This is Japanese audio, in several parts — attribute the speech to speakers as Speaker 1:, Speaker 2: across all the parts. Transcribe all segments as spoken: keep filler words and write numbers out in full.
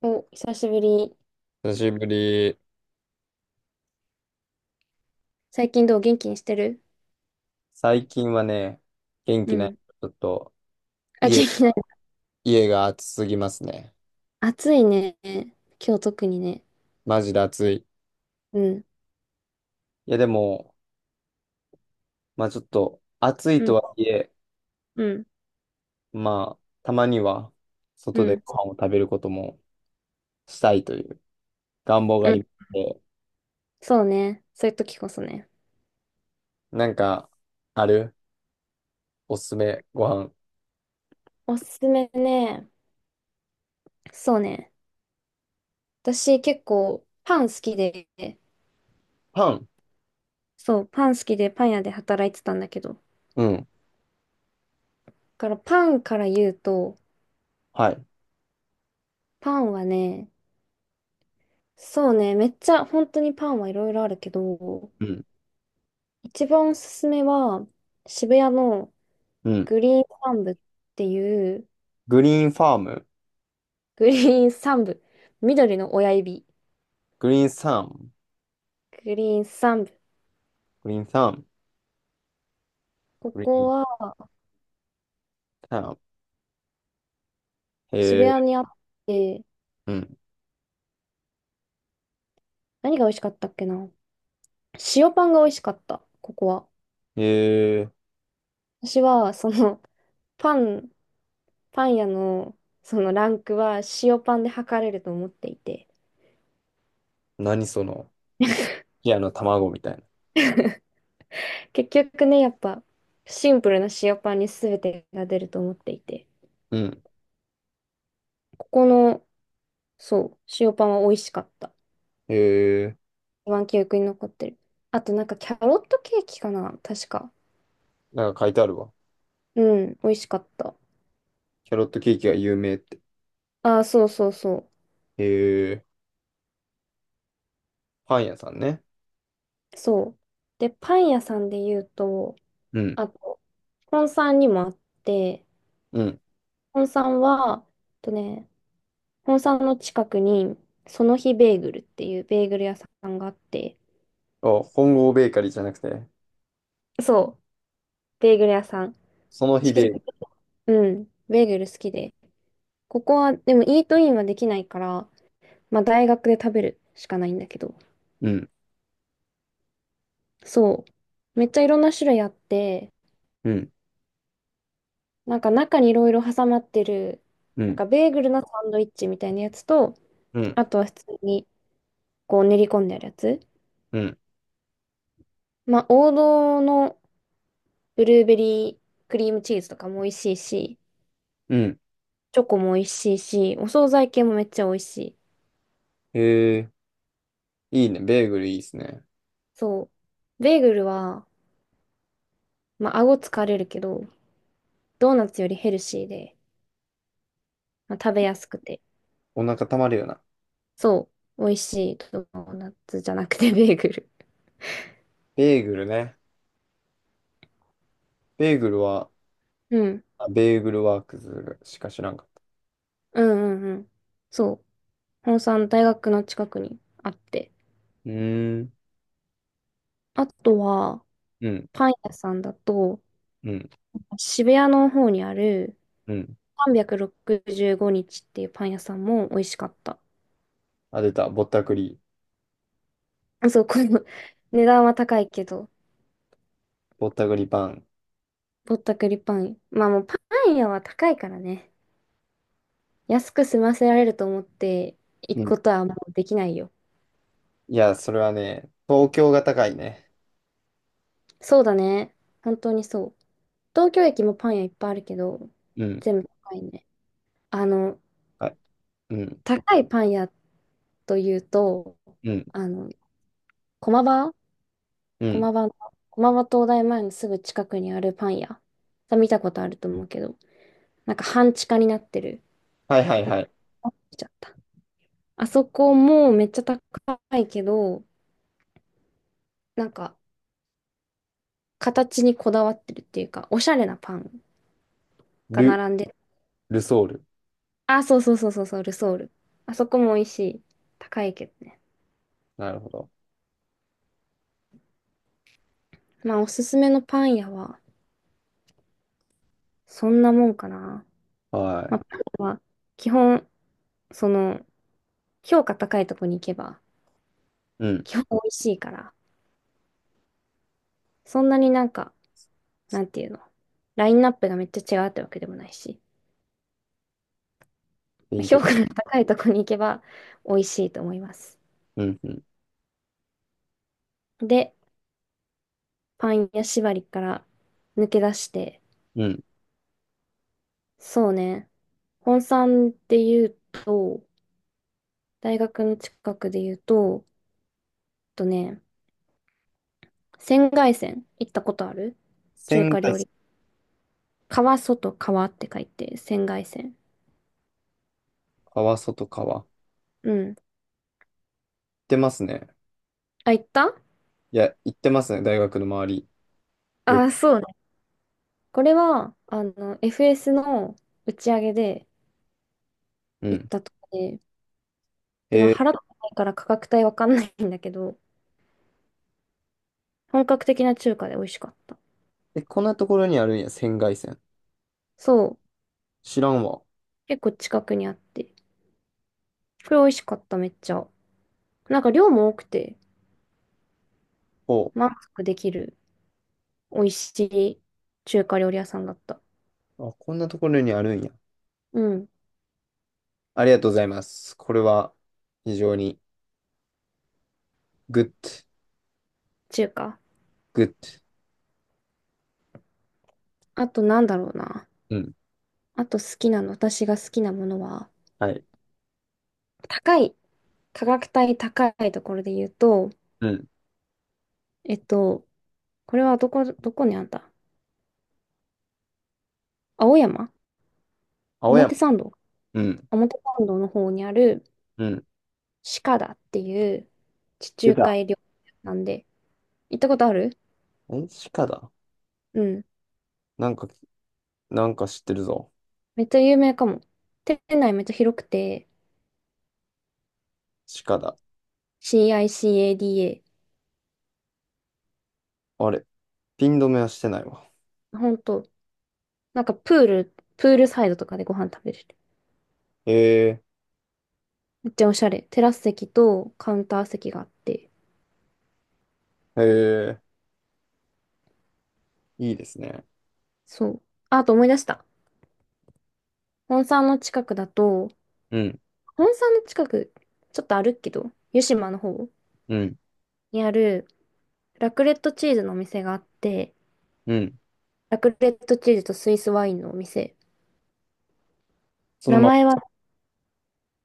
Speaker 1: お、久しぶり。
Speaker 2: 久しぶり。
Speaker 1: 最近どう元気にしてる？
Speaker 2: 最近はね、元
Speaker 1: う
Speaker 2: 気ない。
Speaker 1: ん。
Speaker 2: ちょっと、
Speaker 1: あ、元
Speaker 2: 家、
Speaker 1: 気ない。
Speaker 2: 家が暑すぎますね。
Speaker 1: 暑いね。今日特にね。
Speaker 2: マジで暑い。
Speaker 1: うん。
Speaker 2: いや、でも、まあちょっと、暑い
Speaker 1: うん。
Speaker 2: とはいえ、
Speaker 1: うん。
Speaker 2: まあ、たまには、
Speaker 1: う
Speaker 2: 外で
Speaker 1: ん。
Speaker 2: ご飯を食べることもしたいという願望があ
Speaker 1: うん。
Speaker 2: りまして、
Speaker 1: そうね。そういう時こそね。
Speaker 2: なんか、あるおすすめご飯。
Speaker 1: おすすめね。そうね。私結構パン好きで、
Speaker 2: パン、
Speaker 1: そう、パン好きでパン屋で働いてたんだけど。だ
Speaker 2: うん。
Speaker 1: からパンから言うと、
Speaker 2: はい。
Speaker 1: パンはね、そうね、めっちゃ本当にパンはいろいろあるけど、
Speaker 2: うん。
Speaker 1: 一番おすすめは渋谷の
Speaker 2: うん。
Speaker 1: グリーン三部っていう、
Speaker 2: グリーンファーム。
Speaker 1: グリーン三部、緑の親指、
Speaker 2: グリーンサム。
Speaker 1: グリーン三部。
Speaker 2: グリーンサム。
Speaker 1: こ
Speaker 2: グリー
Speaker 1: こ
Speaker 2: ン
Speaker 1: は
Speaker 2: サム。へ
Speaker 1: 渋
Speaker 2: え。
Speaker 1: 谷にあって、
Speaker 2: うん。
Speaker 1: 何が美味しかったっけな。塩パンが美味しかった、ここは。
Speaker 2: へえ。
Speaker 1: 私は、その、パン、パン屋の、そのランクは塩パンで測れると思っていて、
Speaker 2: 何その。いや、あの、卵みたいな。
Speaker 1: 結局ね、やっぱ、シンプルな塩パンに全てが出ると思っていて、
Speaker 2: うん。
Speaker 1: ここの、そう、塩パンは美味しかった。
Speaker 2: へえ。
Speaker 1: 一番記憶に残ってる。あとなんかキャロットケーキかな確か。
Speaker 2: なんか書いてあるわ。
Speaker 1: うん、美味しかった。
Speaker 2: キャロットケーキが有名って。
Speaker 1: ああ、そうそうそ
Speaker 2: へえ。パン屋さんね。
Speaker 1: う。そう。で、パン屋さんで言うと、
Speaker 2: うん。
Speaker 1: あと、本山にもあって、
Speaker 2: うん。
Speaker 1: 本山は、えっとね、本山の近くに、その日ベーグルっていうベーグル屋さんがあって、
Speaker 2: あ、本郷ベーカリーじゃなくて、
Speaker 1: そう、ベーグル屋さん。
Speaker 2: その日
Speaker 1: 私
Speaker 2: ベ
Speaker 1: 結
Speaker 2: ー
Speaker 1: 構、
Speaker 2: グ
Speaker 1: うん、ベーグル好きで。ここは、でもイートインはできないから、まあ大学で食べるしかないんだけど。
Speaker 2: ル。うん。
Speaker 1: そう。めっちゃいろんな種類あって、
Speaker 2: うん。
Speaker 1: なんか中にいろいろ挟まってる、
Speaker 2: う
Speaker 1: なん
Speaker 2: ん。
Speaker 1: かベーグルのサンドイッチみたいなやつと、
Speaker 2: うん。
Speaker 1: あとは普通にこう練り込んであるやつ。
Speaker 2: うん。
Speaker 1: まあ王道のブルーベリークリームチーズとかも美味しいし、
Speaker 2: うん。
Speaker 1: チョコも美味しいし、お惣菜系もめっちゃ美味しい。
Speaker 2: へえ。いいね。ベーグルいいっすね。
Speaker 1: そう。ベーグルは、まあ顎疲れるけど、ドーナツよりヘルシーで、まあ、食べやすくて、
Speaker 2: お腹たまるよな。
Speaker 1: そう、美味しいドーナツじゃなくてベーグル。
Speaker 2: ベーグルね。ベーグルは、
Speaker 1: うん。
Speaker 2: あ、ベーグルワークズしか知らんかった。
Speaker 1: うんうんうん。そう。本産大学の近くにあって。
Speaker 2: うーん。
Speaker 1: あとは、
Speaker 2: うん。
Speaker 1: パン屋さんだと、
Speaker 2: うん。
Speaker 1: 渋谷の方にある
Speaker 2: うん。
Speaker 1: さんびゃくろくじゅうごにちっていうパン屋さんも美味しかった。
Speaker 2: あ、出た。ぼったくり。
Speaker 1: そう、この 値段は高いけど、
Speaker 2: ぼったくりパン。
Speaker 1: ぼったくりパン。まあもうパン屋は高いからね。安く済ませられると思って行
Speaker 2: う
Speaker 1: く
Speaker 2: ん。
Speaker 1: ことはもうできないよ。
Speaker 2: いや、それはね、東京が高いね。
Speaker 1: そうだね。本当にそう。東京駅もパン屋いっぱいあるけど、
Speaker 2: うん。
Speaker 1: 全部高いね。あの、
Speaker 2: はい。うん。
Speaker 1: 高いパン屋というと、
Speaker 2: うん。
Speaker 1: あの、駒場
Speaker 2: うん。
Speaker 1: 駒場の、駒場東大前のすぐ近くにあるパン屋。さ見たことあると思うけど、なんか半地下になってる。
Speaker 2: はいはいはい。
Speaker 1: あ見ちゃった。あそこもめっちゃ高いけど、なんか形にこだわってるっていうか、おしゃれなパンが
Speaker 2: ル、
Speaker 1: 並んでる。
Speaker 2: ルソール。
Speaker 1: あ、そうそうそうそうそう、ルソール。あそこも美味しい。高いけどね。
Speaker 2: なるほど。
Speaker 1: まあ、おすすめのパン屋は、そんなもんかな。まあ、
Speaker 2: は
Speaker 1: パンは基本、その、評価高いとこに行けば、
Speaker 2: い。うん。
Speaker 1: 基本美味しいから、そんなになんか、なんていうの、ラインナップがめっちゃ違うってわけでもないし、まあ
Speaker 2: 勉強。
Speaker 1: 評価の高いとこに行けば美味しいと思います。
Speaker 2: うん。うん。
Speaker 1: で、パン屋縛りから抜け出して、
Speaker 2: うん。
Speaker 1: そうね、本山で言うと、大学の近くで言うと、とね、仙外線行ったことある？中
Speaker 2: 仙
Speaker 1: 華
Speaker 2: 台、
Speaker 1: 料理。川外川って書いて、仙外線。
Speaker 2: 川外川。行っ
Speaker 1: うん。
Speaker 2: てますね。
Speaker 1: あ、行った。
Speaker 2: いや、行ってますね。大学の周り。よく。
Speaker 1: あ、そうね。これは、あの、エフエス の打ち上げで
Speaker 2: う
Speaker 1: 行っ
Speaker 2: ん。
Speaker 1: たとこで、でも
Speaker 2: えー、
Speaker 1: 払ってないから価格帯わかんないんだけど、本格的な中華で美味しかった。
Speaker 2: え、こんなところにあるんや。仙外線。
Speaker 1: そう、
Speaker 2: 知らんわ。
Speaker 1: 結構近くにあって、これ美味しかった、めっちゃ。なんか量も多くて、
Speaker 2: ほ
Speaker 1: 満足できる美味しい中華料理屋さんだった。
Speaker 2: う。あ、こんなところにあるんや。
Speaker 1: うん、
Speaker 2: ありがとうございます。これは、非常に、グッド、
Speaker 1: 中華。
Speaker 2: グッ
Speaker 1: あとなんだろうな。
Speaker 2: ド。うん。
Speaker 1: あと好きなの、私が好きなものは、
Speaker 2: はい。
Speaker 1: 高い、価格帯高いところで言うと、
Speaker 2: うん。
Speaker 1: えっと、これはどこ、どこにあった？青山
Speaker 2: 青
Speaker 1: 表
Speaker 2: 山。
Speaker 1: 参道。
Speaker 2: うん。
Speaker 1: 表参道の方にある
Speaker 2: うん。
Speaker 1: 鹿田っていう地
Speaker 2: 出
Speaker 1: 中
Speaker 2: た。
Speaker 1: 海料理屋なんで、行ったことある？
Speaker 2: え、鹿だ。
Speaker 1: うん。
Speaker 2: なんか、なんか知ってるぞ。
Speaker 1: めっちゃ有名かも。店内めっちゃ広くて、
Speaker 2: 鹿だ。
Speaker 1: CICADA。
Speaker 2: あれ、ピン止めはしてないわ。
Speaker 1: ほんと、なんかプール、プールサイドとかでご飯食べれる。
Speaker 2: へえ、
Speaker 1: めっちゃおしゃれ。テラス席とカウンター席があって。
Speaker 2: へえ、いいですね。
Speaker 1: そう。あ、あと思い出した。本山の近くだと、
Speaker 2: うん、
Speaker 1: 本山の近く、ちょっと歩くけど、湯島の方
Speaker 2: うん、
Speaker 1: にあるラクレットチーズのお店があって、
Speaker 2: うん。
Speaker 1: ラクレットチーズとスイスワインのお店。
Speaker 2: その
Speaker 1: 名
Speaker 2: まま、
Speaker 1: 前は、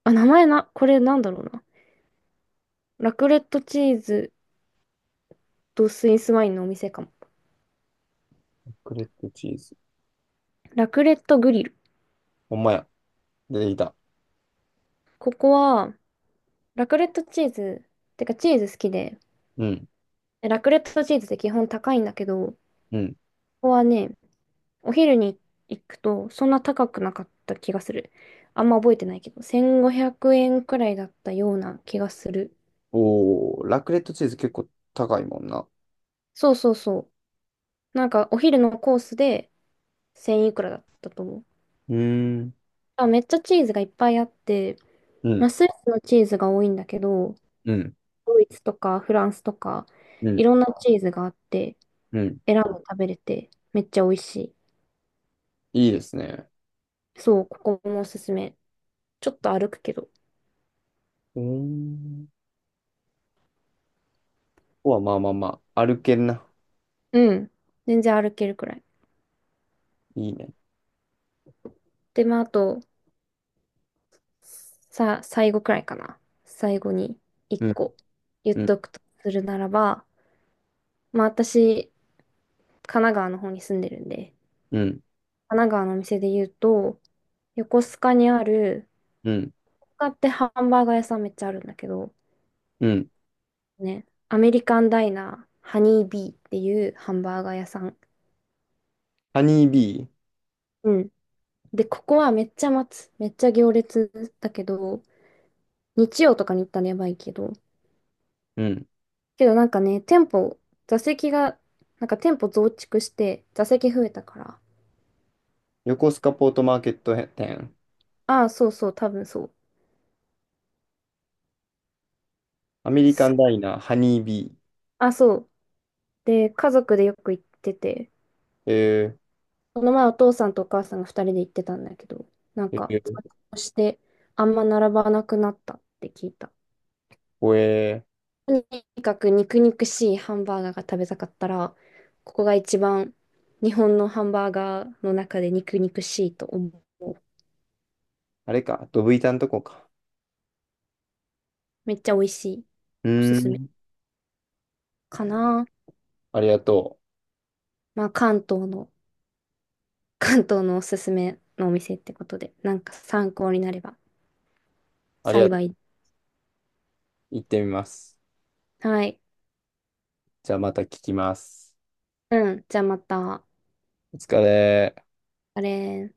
Speaker 1: あ、名前な、これなんだろうな。ラクレットチーズとスイスワインのお店かも。
Speaker 2: ラクレットチーズ。
Speaker 1: ラクレットグリル。
Speaker 2: ほんまや。出てきた。
Speaker 1: ここは、ラクレットチーズ、てかチーズ好きで、
Speaker 2: うん、
Speaker 1: ラクレットチーズって基本高いんだけど、こ
Speaker 2: うん。
Speaker 1: こはね、お昼に行くとそんな高くなかった気がする。あんま覚えてないけど、せんごひゃくえんくえんくらいだったような気がする。
Speaker 2: おー、ラクレットチーズ結構高いもんな。
Speaker 1: そうそうそう。なんかお昼のコースでせんいくらだったと思う。
Speaker 2: うーん、
Speaker 1: あ、めっちゃチーズがいっぱいあって、
Speaker 2: う
Speaker 1: まあ、
Speaker 2: ん、
Speaker 1: スイスのチーズが多いんだけど、
Speaker 2: うん、
Speaker 1: ドイツとかフランスとか、
Speaker 2: う
Speaker 1: い
Speaker 2: ん、
Speaker 1: ろんなチーズがあって、
Speaker 2: うん。
Speaker 1: 選んで食べれて、めっちゃ美味しい。
Speaker 2: いいですね。
Speaker 1: そう、ここもおすすめ。ちょっと歩くけど。
Speaker 2: うーん。ここはまあまあまあ、歩けるな。
Speaker 1: うん。全然歩けるくらい。
Speaker 2: いいね。
Speaker 1: で、まあ、あと、さ、最後くらいかな。最後に一
Speaker 2: うん、
Speaker 1: 個言っ
Speaker 2: うん、
Speaker 1: とくとするならば、まあ、私、神奈川の方に住んでるんで、
Speaker 2: うん、
Speaker 1: 神奈川のお店で言うと、横須賀にある
Speaker 2: うん、
Speaker 1: カってハンバーガー屋さんめっちゃあるんだけど、
Speaker 2: うん。
Speaker 1: ね、アメリカンダイナー、ハニービーっていうハンバーガー屋さん。
Speaker 2: ハニービー。
Speaker 1: うん。で、ここはめっちゃ待つ。めっちゃ行列だけど、日曜とかに行ったらやばいけど。
Speaker 2: うん。
Speaker 1: けどなんかね、店舗、座席が、なんか店舗増築して、座席増えたから。
Speaker 2: 横須賀ポートマーケット店。
Speaker 1: ああ、そうそう、多分そう。
Speaker 2: アメリカンダイナー、ハニービ
Speaker 1: あ、そう。で、家族でよく行ってて、
Speaker 2: ー。え
Speaker 1: その前お父さんとお母さんが二人で行ってたんだけど、なん
Speaker 2: ー、え
Speaker 1: か、座
Speaker 2: ー、
Speaker 1: 長してあんま並ばなくなったって聞いた。
Speaker 2: これ、
Speaker 1: とにかく肉肉しいハンバーガーが食べたかったら、ここが一番日本のハンバーガーの中で肉肉しいと思う。
Speaker 2: あれか、ドブ板のとこか。
Speaker 1: めっちゃ美味しい。
Speaker 2: う
Speaker 1: おす
Speaker 2: ー
Speaker 1: すめ
Speaker 2: ん、
Speaker 1: かな。
Speaker 2: ありがとう。
Speaker 1: まあ関東の、関東のおすすめのお店ってことで、なんか参考になれば
Speaker 2: ありがとう。
Speaker 1: 幸い。
Speaker 2: 行ってみます。
Speaker 1: はい。
Speaker 2: じゃあまた聞きます。
Speaker 1: うん。じゃあまた。
Speaker 2: お疲れ。
Speaker 1: あれ。